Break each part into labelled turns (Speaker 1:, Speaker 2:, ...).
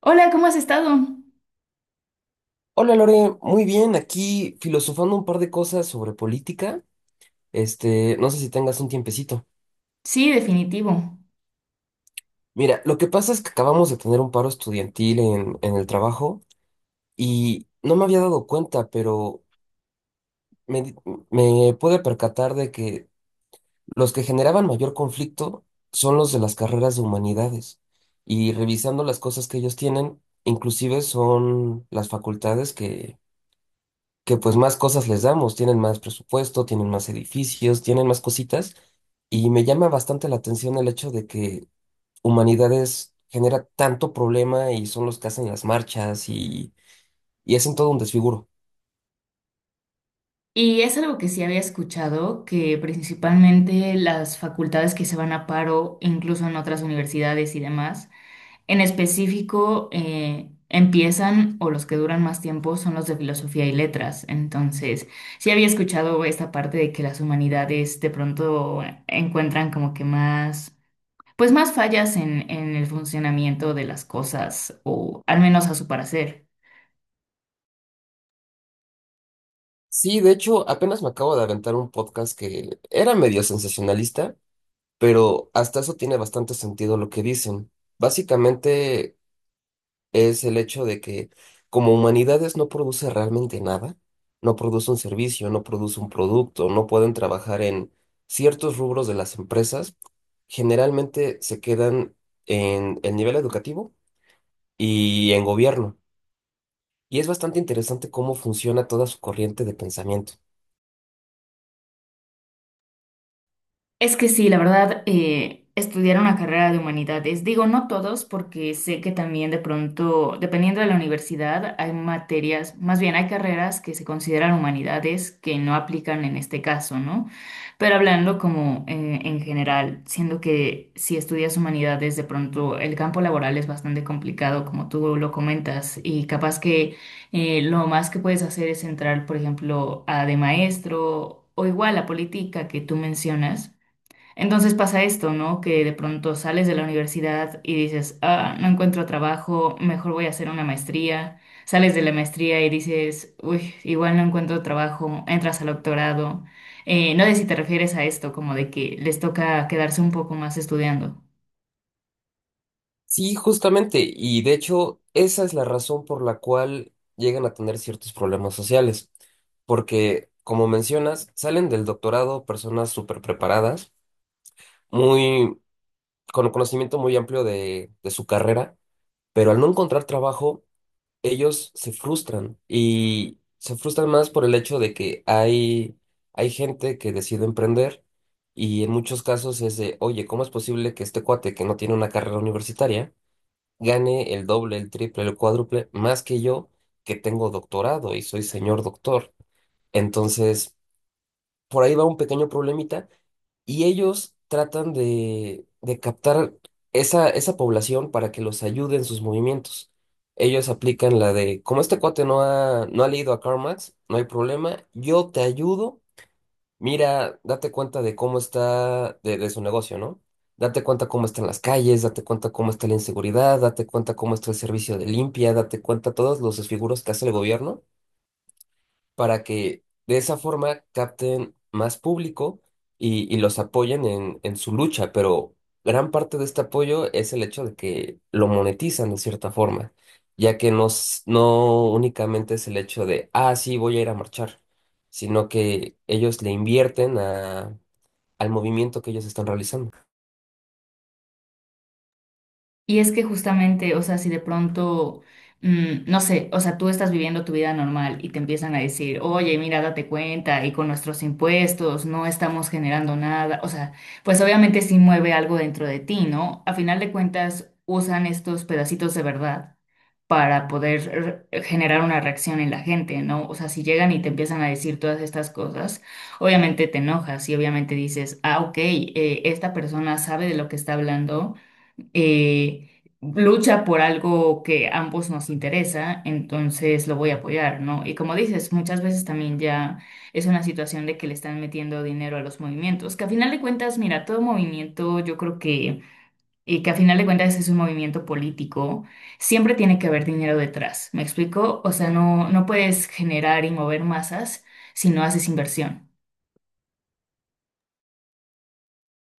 Speaker 1: Hola, ¿cómo has estado?
Speaker 2: Hola Lore, muy bien, aquí filosofando un par de cosas sobre política. Este, no sé si tengas un tiempecito.
Speaker 1: Sí, definitivo.
Speaker 2: Mira, lo que pasa es que acabamos de tener un paro estudiantil en el trabajo y no me había dado cuenta, pero me, di- me pude percatar de que los que generaban mayor conflicto son los de las carreras de humanidades. Y revisando las cosas que ellos tienen, inclusive son las facultades que pues más cosas les damos, tienen más presupuesto, tienen más edificios, tienen más cositas, y me llama bastante la atención el hecho de que Humanidades genera tanto problema y son los que hacen las marchas y hacen todo un desfiguro.
Speaker 1: Y es algo que sí había escuchado, que principalmente las facultades que se van a paro, incluso en otras universidades y demás, en específico empiezan o los que duran más tiempo son los de Filosofía y Letras. Entonces, sí había escuchado esta parte de que las humanidades de pronto encuentran como que Pues más fallas en el funcionamiento de las cosas, o al menos a su parecer.
Speaker 2: Sí, de hecho, apenas me acabo de aventar un podcast que era medio sensacionalista, pero hasta eso tiene bastante sentido lo que dicen. Básicamente es el hecho de que como humanidades no produce realmente nada, no produce un servicio, no produce un producto, no pueden trabajar en ciertos rubros de las empresas, generalmente se quedan en el nivel educativo y en gobierno. Y es bastante interesante cómo funciona toda su corriente de pensamiento.
Speaker 1: Es que sí, la verdad, estudiar una carrera de humanidades, digo, no todos, porque sé que también de pronto, dependiendo de la universidad, hay materias, más bien hay carreras que se consideran humanidades que no aplican en este caso, ¿no? Pero hablando como en general, siendo que si estudias humanidades, de pronto el campo laboral es bastante complicado, como tú lo comentas, y capaz que lo más que puedes hacer es entrar, por ejemplo, a de maestro o igual a política que tú mencionas, entonces pasa esto, ¿no? Que de pronto sales de la universidad y dices, ah, no encuentro trabajo, mejor voy a hacer una maestría. Sales de la maestría y dices, uy, igual no encuentro trabajo, entras al doctorado. No sé si te refieres a esto, como de que les toca quedarse un poco más estudiando.
Speaker 2: Sí, justamente, y de hecho esa es la razón por la cual llegan a tener ciertos problemas sociales, porque como mencionas, salen del doctorado personas súper preparadas, muy, con un conocimiento muy amplio de su carrera, pero al no encontrar trabajo, ellos se frustran y se frustran más por el hecho de que hay gente que decide emprender y en muchos casos es de, oye, ¿cómo es posible que este cuate que no tiene una carrera universitaria gane el doble, el triple, el cuádruple más que yo que tengo doctorado y soy señor doctor? Entonces, por ahí va un pequeño problemita y ellos tratan de captar esa población para que los ayude en sus movimientos. Ellos aplican la de, como este cuate no ha leído a Karl Marx, no hay problema, yo te ayudo, mira, date cuenta de cómo está, de su negocio, ¿no? Date cuenta cómo están las calles, date cuenta cómo está la inseguridad, date cuenta cómo está el servicio de limpia, date cuenta todos los desfiguros que hace el gobierno para que de esa forma capten más público y los apoyen en su lucha, pero gran parte de este apoyo es el hecho de que lo monetizan de cierta forma, ya que no únicamente es el hecho de, ah, sí, voy a ir a marchar, sino que ellos le invierten a, al movimiento que ellos están realizando.
Speaker 1: Y es que justamente, o sea, si de pronto, no sé, o sea, tú estás viviendo tu vida normal y te empiezan a decir, oye, mira, date cuenta, y con nuestros impuestos no estamos generando nada, o sea, pues obviamente sí mueve algo dentro de ti, ¿no? A final de cuentas, usan estos pedacitos de verdad para poder generar una reacción en la gente, ¿no? O sea, si llegan y te empiezan a decir todas estas cosas, obviamente te enojas y obviamente dices, ah, ok, esta persona sabe de lo que está hablando eh, lucha por algo que ambos nos interesa, entonces lo voy a apoyar, ¿no? Y como dices, muchas veces también ya es una situación de que le están metiendo dinero a los movimientos, que a final de cuentas, mira, todo movimiento, yo creo que, y que a final de cuentas es un movimiento político, siempre tiene que haber dinero detrás, ¿me explico? O sea, no, no puedes generar y mover masas si no haces inversión.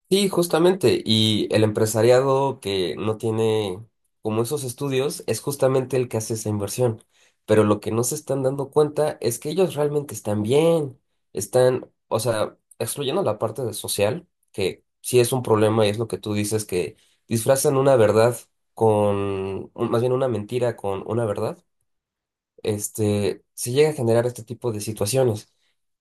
Speaker 2: Sí, justamente. Y el empresariado que no tiene como esos estudios es justamente el que hace esa inversión. Pero lo que no se están dando cuenta es que ellos realmente están bien. Están, o sea, excluyendo la parte de social, que sí es un problema y es lo que tú dices, que disfrazan una verdad con, más bien una mentira con una verdad este, se llega a generar este tipo de situaciones.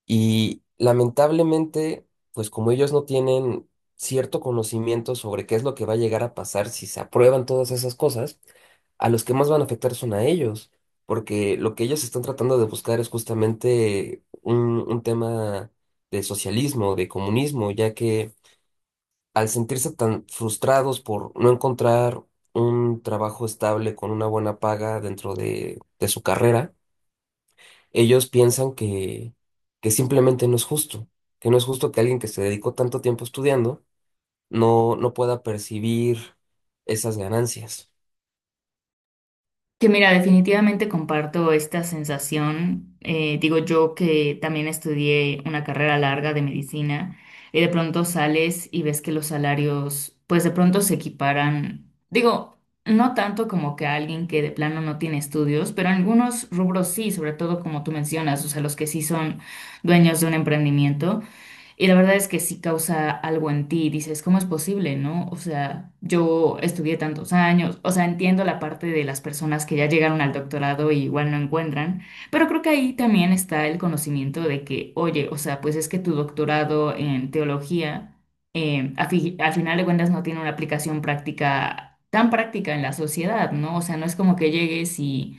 Speaker 2: Y lamentablemente, pues como ellos no tienen cierto conocimiento sobre qué es lo que va a llegar a pasar si se aprueban todas esas cosas, a los que más van a afectar son a ellos, porque lo que ellos están tratando de buscar es justamente un tema de socialismo, de comunismo, ya que al sentirse tan frustrados por no encontrar un trabajo estable con una buena paga dentro de su carrera, ellos piensan que simplemente no es justo, que no es justo que alguien que se dedicó tanto tiempo estudiando no pueda percibir esas ganancias.
Speaker 1: Que mira, definitivamente comparto esta sensación. Digo yo que también estudié una carrera larga de medicina y de pronto sales y ves que los salarios pues de pronto se equiparan. Digo, no tanto como que a alguien que de plano no tiene estudios, pero en algunos rubros sí, sobre todo como tú mencionas, o sea, los que sí son dueños de un emprendimiento. Y la verdad es que sí causa algo en ti, dices, ¿cómo es posible, no? O sea, yo estudié tantos años, o sea, entiendo la parte de las personas que ya llegaron al doctorado y igual no encuentran, pero creo que ahí también está el conocimiento de que, oye, o sea, pues es que tu doctorado en teología, al final de cuentas no tiene una aplicación práctica, tan práctica en la sociedad, ¿no? O sea, no es como que llegues y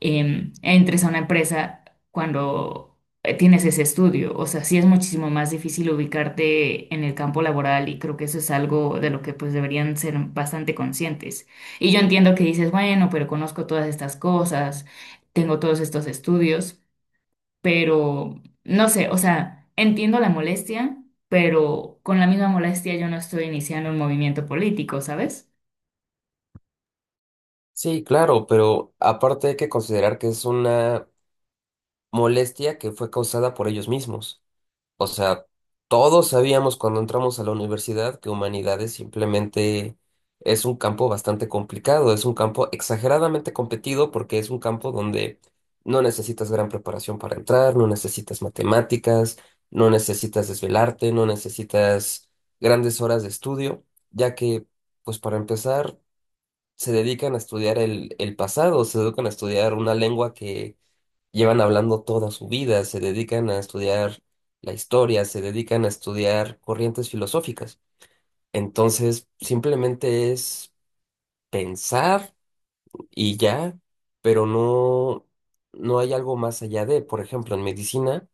Speaker 1: entres a una empresa cuando tienes ese estudio. O sea, sí es muchísimo más difícil ubicarte en el campo laboral y creo que eso es algo de lo que pues deberían ser bastante conscientes. Y yo entiendo que dices, bueno, pero conozco todas estas cosas, tengo todos estos estudios, pero no sé, o sea, entiendo la molestia, pero con la misma molestia yo no estoy iniciando un movimiento político, ¿sabes?
Speaker 2: Sí, claro, pero aparte hay que considerar que es una molestia que fue causada por ellos mismos. O sea, todos sabíamos cuando entramos a la universidad que humanidades simplemente es un campo bastante complicado, es un campo exageradamente competido porque es un campo donde no necesitas gran preparación para entrar, no necesitas matemáticas, no necesitas desvelarte, no necesitas grandes horas de estudio, ya que, pues para empezar, se dedican a estudiar el pasado, se dedican a estudiar una lengua que llevan hablando toda su vida, se dedican a estudiar la historia, se dedican a estudiar corrientes filosóficas. Entonces, simplemente es pensar y ya, pero no, no hay algo más allá de, por ejemplo, en medicina,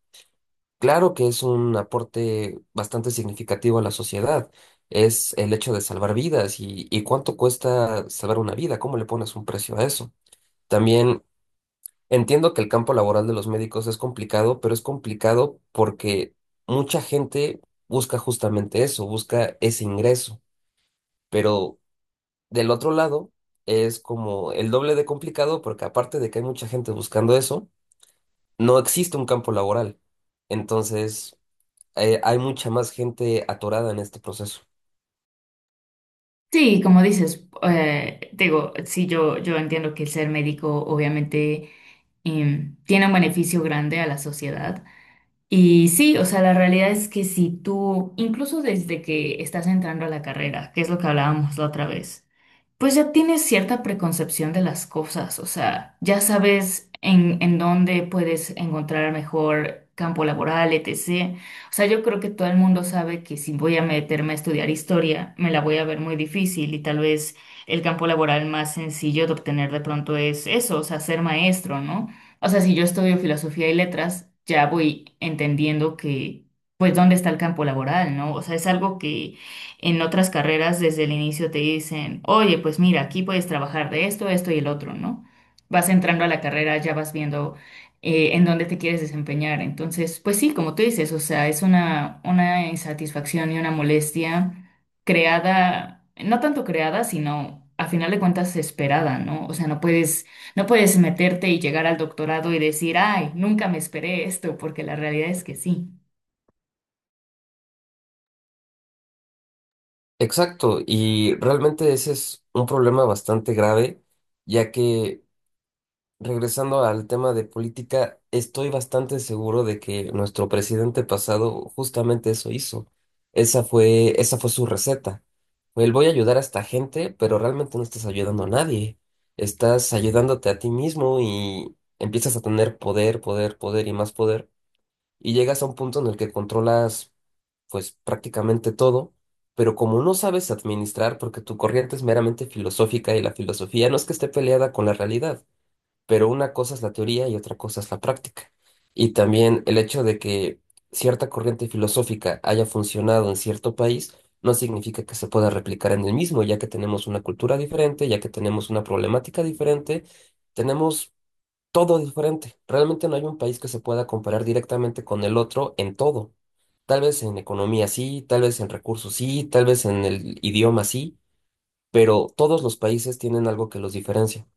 Speaker 2: claro que es un aporte bastante significativo a la sociedad. Es el hecho de salvar vidas y cuánto cuesta salvar una vida, cómo le pones un precio a eso. También entiendo que el campo laboral de los médicos es complicado, pero es complicado porque mucha gente busca justamente eso, busca ese ingreso. Pero del otro lado es como el doble de complicado porque aparte de que hay mucha gente buscando eso, no existe un campo laboral. Entonces, hay mucha más gente atorada en este proceso.
Speaker 1: Sí, como dices, digo, sí, yo entiendo que el ser médico obviamente tiene un beneficio grande a la sociedad. Y sí, o sea, la realidad es que si tú, incluso desde que estás entrando a la carrera, que es lo que hablábamos la otra vez, pues ya tienes cierta preconcepción de las cosas, o sea, ya sabes en dónde puedes encontrar mejor campo laboral, etc. O sea, yo creo que todo el mundo sabe que si voy a meterme a estudiar historia, me la voy a ver muy difícil y tal vez el campo laboral más sencillo de obtener de pronto es eso, o sea, ser maestro, ¿no? O sea, si yo estudio filosofía y letras, ya voy entendiendo que, pues, dónde está el campo laboral, ¿no? O sea, es algo que en otras carreras desde el inicio te dicen, oye, pues mira, aquí puedes trabajar de esto, esto y el otro, ¿no? Vas entrando a la carrera, ya vas viendo en dónde te quieres desempeñar. Entonces, pues sí, como tú dices, o sea, es una insatisfacción y una molestia creada, no tanto creada, sino a final de cuentas esperada, ¿no? O sea, no puedes meterte y llegar al doctorado y decir, ay, nunca me esperé esto, porque la realidad es que sí.
Speaker 2: Exacto, y realmente ese es un problema bastante grave, ya que regresando al tema de política, estoy bastante seguro de que nuestro presidente pasado justamente eso hizo. Esa fue su receta. Fue el voy a ayudar a esta gente, pero realmente no estás ayudando a nadie. Estás ayudándote a ti mismo y empiezas a tener poder, poder, poder y más poder. Y llegas a un punto en el que controlas, pues, prácticamente todo. Pero como no sabes administrar, porque tu corriente es meramente filosófica y la filosofía no es que esté peleada con la realidad, pero una cosa es la teoría y otra cosa es la práctica. Y también el hecho de que cierta corriente filosófica haya funcionado en cierto país no significa que se pueda replicar en el mismo, ya que tenemos una cultura diferente, ya que tenemos una problemática diferente, tenemos todo diferente. Realmente no hay un país que se pueda comparar directamente con el otro en todo. Tal vez en economía sí, tal vez en recursos sí, tal vez en el idioma sí, pero todos los países tienen algo que los diferencia.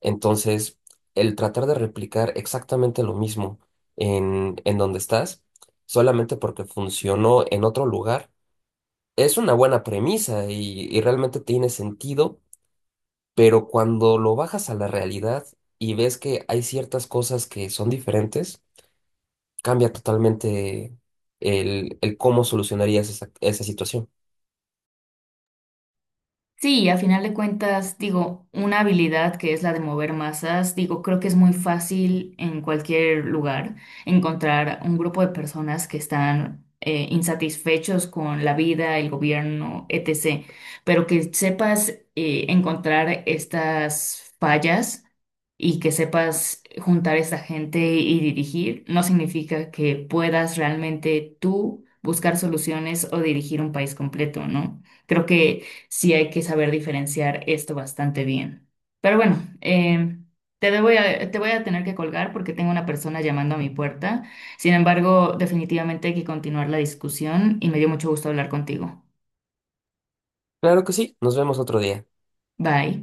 Speaker 2: Entonces, el tratar de replicar exactamente lo mismo en donde estás, solamente porque funcionó en otro lugar, es una buena premisa y realmente tiene sentido, pero cuando lo bajas a la realidad y ves que hay ciertas cosas que son diferentes, cambia totalmente el cómo solucionarías esa situación.
Speaker 1: Sí, a final de cuentas, digo, una habilidad que es la de mover masas, digo, creo que es muy fácil en cualquier lugar encontrar un grupo de personas que están insatisfechos con la vida, el gobierno, etc. Pero que sepas encontrar estas fallas y que sepas juntar a esta gente y dirigir, no significa que puedas realmente tú buscar soluciones o dirigir un país completo, ¿no? Creo que sí hay que saber diferenciar esto bastante bien. Pero bueno, te voy a tener que colgar porque tengo una persona llamando a mi puerta. Sin embargo, definitivamente hay que continuar la discusión y me dio mucho gusto hablar contigo.
Speaker 2: Claro que sí, nos vemos otro día.
Speaker 1: Bye.